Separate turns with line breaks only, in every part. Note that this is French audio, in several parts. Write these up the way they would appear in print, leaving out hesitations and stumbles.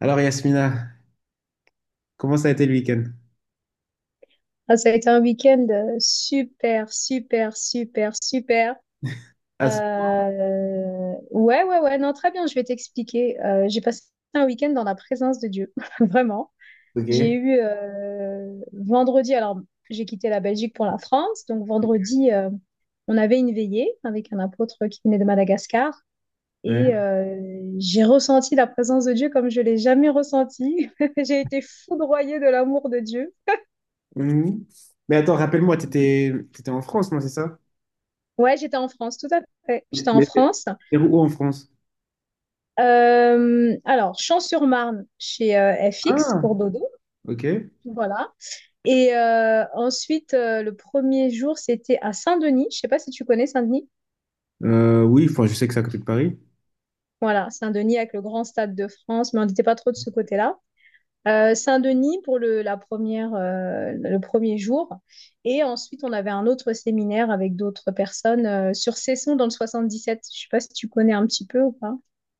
Alors Yasmina, comment ça a été le week-end?
Ah, ça a été un week-end super, super, super, super.
Ah, c'est-
Ouais, ouais, ouais, non, très bien, je vais t'expliquer. J'ai passé un week-end dans la présence de Dieu, vraiment. J'ai
ok.
eu vendredi, alors j'ai quitté la Belgique pour la France, donc vendredi, on avait une veillée avec un apôtre qui venait de Madagascar
Ouais.
et j'ai ressenti la présence de Dieu comme je l'ai jamais ressentie. J'ai été foudroyée de l'amour de Dieu.
Mhm. Mais attends, rappelle-moi, t'étais en France, non, c'est ça?
Ouais, j'étais en France, tout à fait.
Mais
J'étais en
mais t'es
France.
t'es où en France?
Alors, Champs-sur-Marne chez FX
Ah,
pour Dodo.
ok.
Voilà. Et ensuite, le premier jour, c'était à Saint-Denis. Je sais pas si tu connais Saint-Denis.
Oui, enfin, je sais que c'est à côté de Paris.
Voilà, Saint-Denis avec le grand stade de France, mais on n'était pas trop de ce côté-là. Saint-Denis pour le premier jour. Et ensuite, on avait un autre séminaire avec d'autres personnes sur Cesson dans le 77. Je sais pas si tu connais un petit peu ou pas.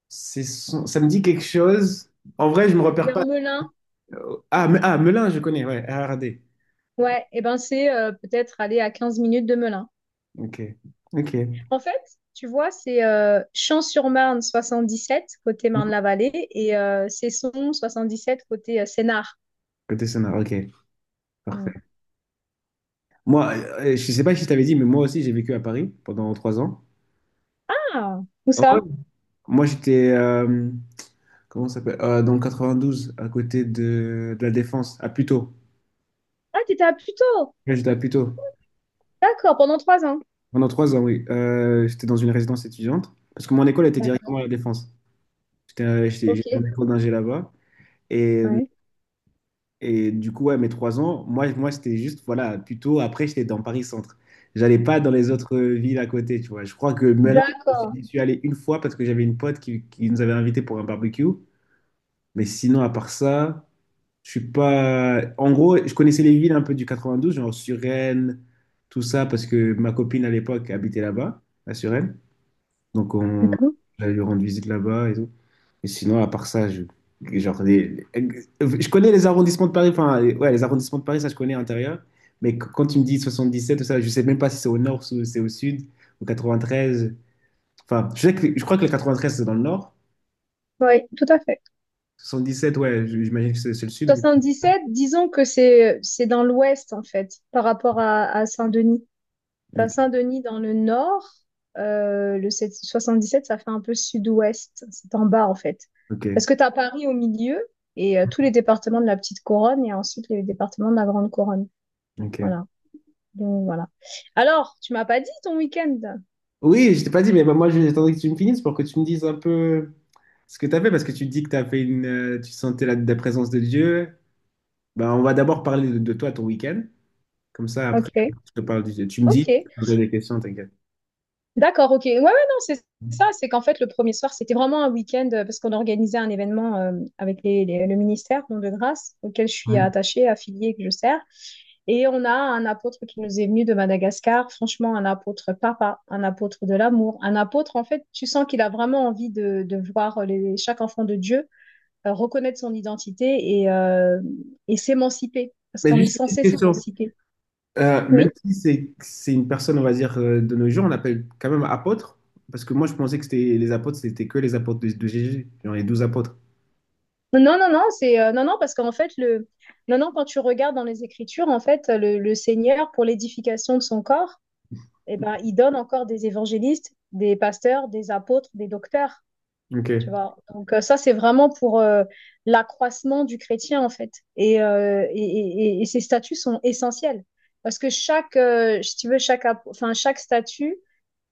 Ça me dit quelque chose. En vrai, je me repère
Vers
pas.
Melun,
Melun, je connais, ouais, RRD.
ouais, et ben c'est peut-être aller à 15 minutes de Melun.
Ok, ok.
En fait, tu vois, c'est Champs-sur-Marne 77 côté
Mhm.
Marne-la-Vallée et Cesson 77 côté Sénart.
Côté sonar, ok,
Mm.
parfait. Moi, je sais pas si je t'avais dit, mais moi aussi, j'ai vécu à Paris pendant trois ans.
Ah, où
Ah ouais.
ça?
Moi, j'étais, euh, Comment ça s'appelle? Dans le 92, à côté de la Défense, à Puteaux.
Ah, t'étais à Puteaux.
Là, j'étais à Puteaux.
D'accord, pendant 3 ans.
Pendant trois ans, oui. J'étais dans une résidence étudiante. Parce que mon école était directement
D'accord.
à la Défense.
Ok.
J'étais en école d'ingé là-bas. Et,
Ouais.
et du coup, ouais, mes trois ans, moi c'était juste, voilà, Puteaux. Après, j'étais dans Paris-Centre. J'allais pas dans les autres villes à côté, tu vois. Je crois que Melun, je suis
D'accord.
je suis allé une fois parce que j'avais une pote qui nous avait invités pour un barbecue. Mais sinon, à part ça. Je suis pas. En gros, je connaissais les villes un peu du 92, genre Suresnes, tout ça, parce que ma copine à l'époque habitait là-bas, à Suresnes. Donc, on
D'accord.
J'allais lui rendre visite là-bas et tout. Mais sinon, à part ça, genre, les- je connais les arrondissements de Paris, ouais, les arrondissements de Paris, ça, je connais à l'intérieur. Mais quand tu me dis 77, tout ça, je sais même pas si c'est au nord, si c'est au sud, ou 93. Enfin, je sais que, je crois que le 93, c'est dans le nord.
Oui, tout à fait.
77, ouais, j'imagine que c'est le sud.
77, disons que c'est dans l'ouest en fait, par rapport à Saint-Denis. T'as
que-
Saint-Denis dans le nord, le 7 77, ça fait un peu sud-ouest, c'est en bas en fait.
Ok,
Parce que t'as Paris au milieu et tous les départements de la petite couronne et ensuite les départements de la grande couronne.
ok.
Voilà. Donc voilà. Alors, tu m'as pas dit ton week-end.
Oui, je t'ai pas dit, mais moi, j'attendais que tu me finisses pour que tu me dises un peu ce que tu as fait, parce que tu dis que tu as fait une, tu sentais la présence de Dieu. Ben, on va d'abord parler de toi, ton week-end. Comme ça, après,
Ok,
je te parle du Dieu. Tu me
ok,
dis, je te poserai des questions, t'inquiète.
d'accord, ok. Ouais, ouais, non, c'est ça, c'est qu'en fait le premier soir, c'était vraiment un week-end parce qu'on organisait un événement avec le ministère, Don de Grâce, auquel je suis
Ouais.
attachée, affiliée, que je sers. Et on a un apôtre qui nous est venu de Madagascar, franchement, un apôtre papa, un apôtre de l'amour, un apôtre, en fait, tu sens qu'il a vraiment envie de voir chaque enfant de Dieu reconnaître son identité et s'émanciper, parce
Mais
qu'on est
juste une petite
censé
question.
s'émanciper.
Même
Oui.
si c'est une personne, on va dire, de nos jours, on l'appelle quand même apôtre, parce que moi, je pensais que c'était les apôtres, c'était que les apôtres de Jésus, genre les douze apôtres.
Non, non, non, c'est non, non, parce qu'en fait, le, non, non, quand tu regardes dans les Écritures, en fait, le Seigneur, pour l'édification de son corps, eh ben, il donne encore des évangélistes, des pasteurs, des apôtres, des docteurs.
Ok.
Tu vois. Donc ça, c'est vraiment pour l'accroissement du chrétien, en fait. Et ces statuts sont essentiels. Parce que si tu veux, enfin, chaque statut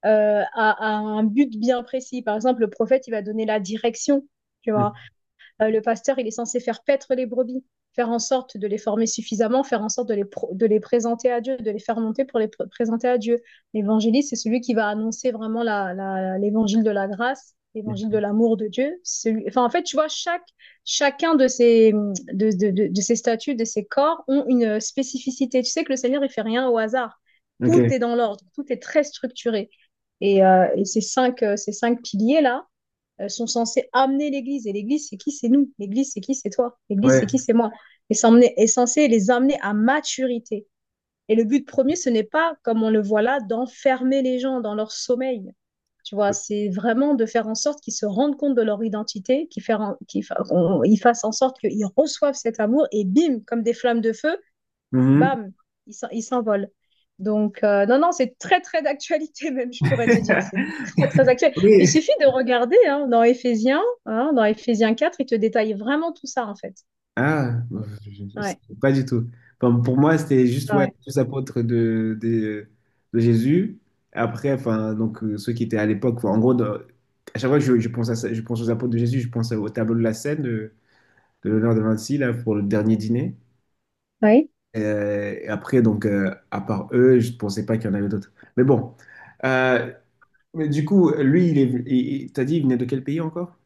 a un but bien précis. Par exemple, le prophète, il va donner la direction, tu
Mm.
vois. Le pasteur, il est censé faire paître les brebis, faire en sorte de les former suffisamment, faire en sorte de les présenter à Dieu, de les faire monter pour les pr présenter à Dieu. L'évangéliste, c'est celui qui va annoncer vraiment l'évangile de la grâce l'évangile de l'amour de Dieu. Celui... Enfin, en fait, tu vois, chacun de ces statues, de ces corps, ont une spécificité. Tu sais que le Seigneur, il fait rien au hasard.
Ok.
Tout est dans l'ordre, tout est très structuré. Et ces cinq piliers-là, sont censés amener l'Église. Et l'Église, c'est qui? C'est nous. L'Église, c'est qui? C'est toi. L'Église,
Ouais.
c'est qui? C'est moi. Est censé les amener à maturité. Et le but premier, ce n'est pas, comme on le voit là, d'enfermer les gens dans leur sommeil. Tu vois, c'est vraiment de faire en sorte qu'ils se rendent compte de leur identité, qu'ils faire en- qu'ils fa- ils fassent en sorte qu'ils reçoivent cet amour et bim, comme des flammes de feu,
Mhm.
bam, il s'envole. Donc, non, non, c'est très, très d'actualité, même, je pourrais te dire. C'est très, très actuel. Il
Oui.
suffit de regarder hein, dans Éphésiens, hein, dans Éphésiens 4, il te détaille vraiment tout ça, en fait.
Ah, je- je-
Ouais,
pas du tout. Enfin, pour moi, c'était juste ouais, les
ouais,
tous apôtres de Jésus. Après, enfin, donc, ceux qui étaient à l'époque, à chaque fois que je pense à je pense aux apôtres de Jésus, je pense au tableau de la scène de l'honneur de Vinci, là, pour le dernier dîner.
oui.
Et après, donc, à part eux, je ne pensais pas qu'il y en avait d'autres. Mais bon. Euh, mais du coup, lui, il est, venu- il- t'as dit, il venait de quel pays encore?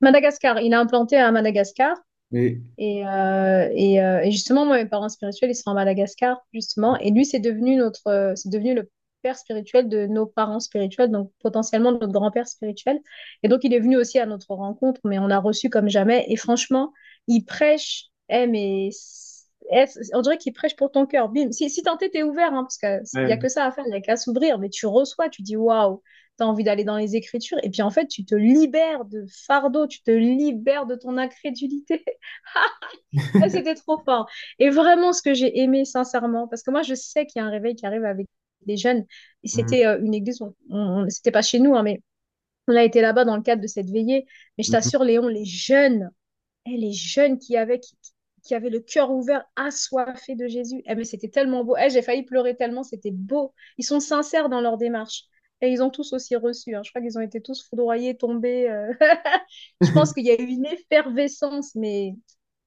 Madagascar, il a implanté à Madagascar.
Mais,
Et justement, moi, mes parents spirituels, ils sont à Madagascar, justement. Et lui, c'est devenu notre, c'est devenu le père spirituel de nos parents spirituels, donc potentiellement notre grand-père spirituel. Et donc, il est venu aussi à notre rencontre, mais on a reçu comme jamais. Et franchement, il prêche, on dirait qu'il prêche pour ton cœur. Bim. Si tenté, t'es ouvert, hein, parce qu'il n'y a
ouais.
que ça à faire, il n'y a qu'à s'ouvrir, mais tu reçois, tu dis waouh. T'as envie d'aller dans les Écritures et puis en fait tu te libères de fardeau, tu te libères de ton incrédulité. Ah, c'était trop fort. Et vraiment, ce que j'ai aimé, sincèrement, parce que moi, je sais qu'il y a un réveil qui arrive avec des jeunes. Et
Mhm.
c'était une église, c'était pas chez nous, hein, mais on a été là-bas dans le cadre de cette veillée. Mais je
Mhm.
t'assure, Léon, les jeunes qui avaient le cœur ouvert, assoiffés de Jésus. Eh, mais c'était tellement beau. Eh, j'ai failli pleurer tellement, c'était beau. Ils sont sincères dans leur démarche. Et ils ont tous aussi reçu, hein. Je crois qu'ils ont été tous foudroyés, tombés. Je pense qu'il y a eu une effervescence, mais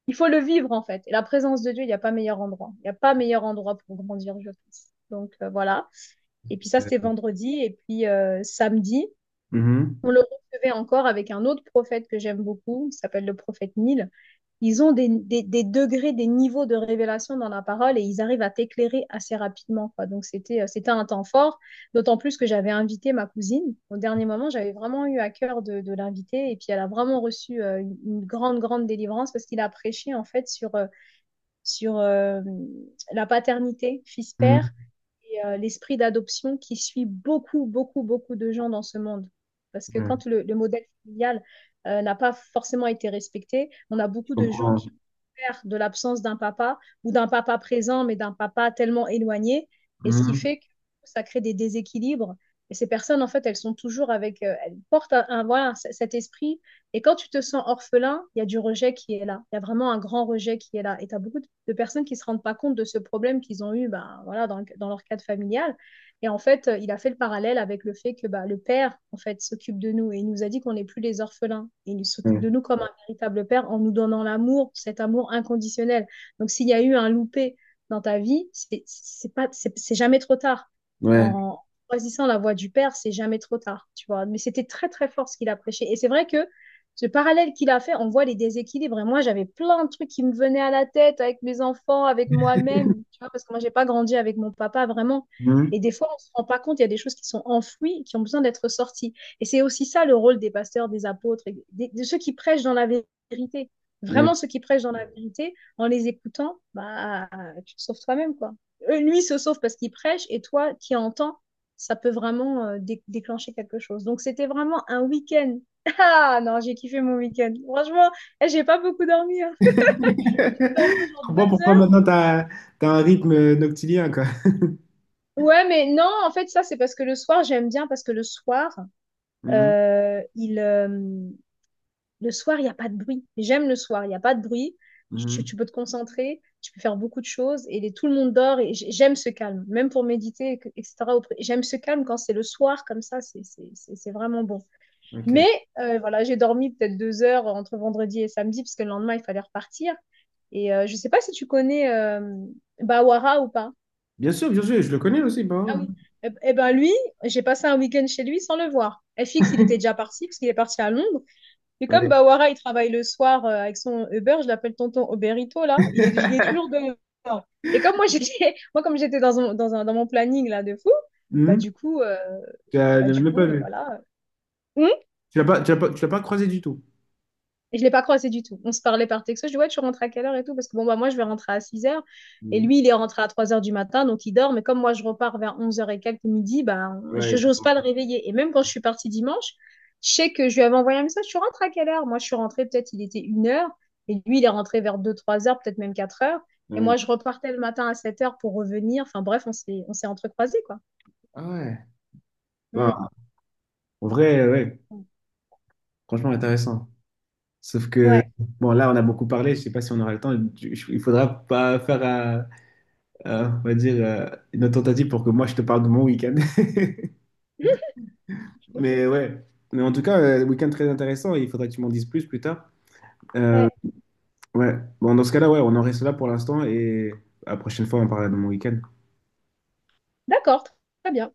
il faut le vivre en fait. Et la présence de Dieu, il n'y a pas meilleur endroit. Il n'y a pas meilleur endroit pour grandir, je pense. Donc voilà. Et puis ça, c'était vendredi. Et puis samedi, on le recevait encore avec un autre prophète que j'aime beaucoup, il s'appelle le prophète Nil. Ils ont des, degrés, des niveaux de révélation dans la parole et ils arrivent à t'éclairer assez rapidement. Quoi. Donc c'était un temps fort, d'autant plus que j'avais invité ma cousine. Au dernier moment, j'avais vraiment eu à cœur de l'inviter et puis elle a vraiment reçu une grande, grande délivrance parce qu'il a prêché en fait sur la paternité fils-père
Mhm.
et l'esprit d'adoption qui suit beaucoup, beaucoup, beaucoup de gens dans ce monde. Parce que
Ouais,
quand le modèle familial n'a pas forcément été respecté, on a
je
beaucoup de gens
comprends.
qui ont peur de l'absence d'un papa ou d'un papa présent, mais d'un papa tellement éloigné. Et ce qui
Mhm.
fait que ça crée des déséquilibres. Et ces personnes, en fait, elles sont toujours avec, elles portent un, voilà, cet esprit et quand tu te sens orphelin, il y a du rejet qui est là. Il y a vraiment un grand rejet qui est là. Et tu as beaucoup de personnes qui ne se rendent pas compte de ce problème qu'ils ont eu ben, voilà, dans leur cadre familial. Et en fait, il a fait le parallèle avec le fait que bah, le père, en fait, s'occupe de nous et il nous a dit qu'on n'est plus les orphelins. Et il s'occupe
Ouais.
de nous comme un véritable père en nous donnant l'amour, cet amour inconditionnel. Donc, s'il y a eu un loupé dans ta vie, c'est pas, c'est jamais trop tard.
Ouais.
En choisissant la voie du père, c'est jamais trop tard, tu vois. Mais c'était très très fort ce qu'il a prêché. Et c'est vrai que ce parallèle qu'il a fait, on voit les déséquilibres. Et moi, j'avais plein de trucs qui me venaient à la tête avec mes enfants, avec moi-même, tu vois, parce que moi, j'ai pas grandi avec mon papa vraiment. Et
Mhm.
des fois, on ne se rend pas compte, il y a des choses qui sont enfouies, qui ont besoin d'être sorties. Et c'est aussi ça le rôle des pasteurs, des apôtres, et de ceux qui prêchent dans la vérité.
Ouais.
Vraiment, ceux qui prêchent dans la vérité, en les écoutant, bah, tu te sauves toi-même, quoi. Lui il se sauve parce qu'il prêche, et toi qui entends, ça peut vraiment déclencher quelque chose. Donc, c'était vraiment un week-end ah non, j'ai kiffé mon week-end. Franchement, j'ai pas beaucoup dormi, hein. J'ai dû dormir
Je
genre
comprends
deux
pourquoi
heures.
maintenant t'as un rythme noctilien, quoi.
Ouais, mais non, en fait, ça, c'est parce que le soir, j'aime bien parce que
Mhm.
euh, il, euh, le soir, il n'y a pas de bruit. J'aime le soir, il n'y a pas de bruit. Tu,
Mhm.
tu peux te concentrer, tu peux faire beaucoup de choses et tout le monde dort et j'aime ce calme, même pour méditer, etc. J'aime ce calme quand c'est le soir comme ça, c'est vraiment bon.
Ok.
Mais voilà, j'ai dormi peut-être 2 heures entre vendredi et samedi parce que le lendemain, il fallait repartir. Et je sais pas si tu connais Bawara ou pas.
Bien sûr, je le connais aussi, bah ouais.
Ah oui. Ben lui, j'ai passé un week-end chez lui sans le voir. FX, il était déjà parti parce qu'il est parti à Londres. Mais comme
Ouais.
Bawara, il travaille le soir avec son Uber, je l'appelle tonton Oberito là, il est toujours dehors. Et comme moi j'étais, moi comme j'étais dans mon planning là de fou, bah
Mhm.
du coup, euh,
Tu
bah
l'as
du
même
coup,
pas vu.
voilà. Hmm.
Tu l'as pas croisé du tout.
Et je l'ai pas croisé du tout. On se parlait par texto. Je dis, ouais, tu rentres à quelle heure et tout? Parce que bon, bah, moi, je vais rentrer à 6 heures. Et
Mhm.
lui, il est rentré à 3 heures du matin, donc il dort. Mais comme moi, je repars vers 11 heures et quelques midi, bah, je
Ouais.
n'ose pas le réveiller. Et même quand je suis partie dimanche, je sais que je lui avais envoyé un message, tu rentres à quelle heure? Moi, je suis rentrée, peut-être, il était 1 heure. Et lui, il est rentré vers 2 3 heures, peut-être même 4 heures. Et
Ouais.
moi, je repartais le matin à 7 heures pour revenir. Enfin, bref, on s'est entrecroisés, quoi.
Ah ouais. Bah,
Mm.
en vrai, ouais, franchement intéressant. Sauf que,
Ouais.
bon, là, on a beaucoup parlé, je sais pas si on aura le temps. Il faudra pas faire on va dire, une autre tentative pour que moi je te parle de mon week-end. Mais ouais, mais en tout cas, week-end très intéressant et il faudra que tu m'en dises plus tard.
Ouais.
Ouais, bon, dans ce cas-là, ouais, on en reste là pour l'instant et la prochaine fois, on parlera de mon week-end.
D'accord. Très bien.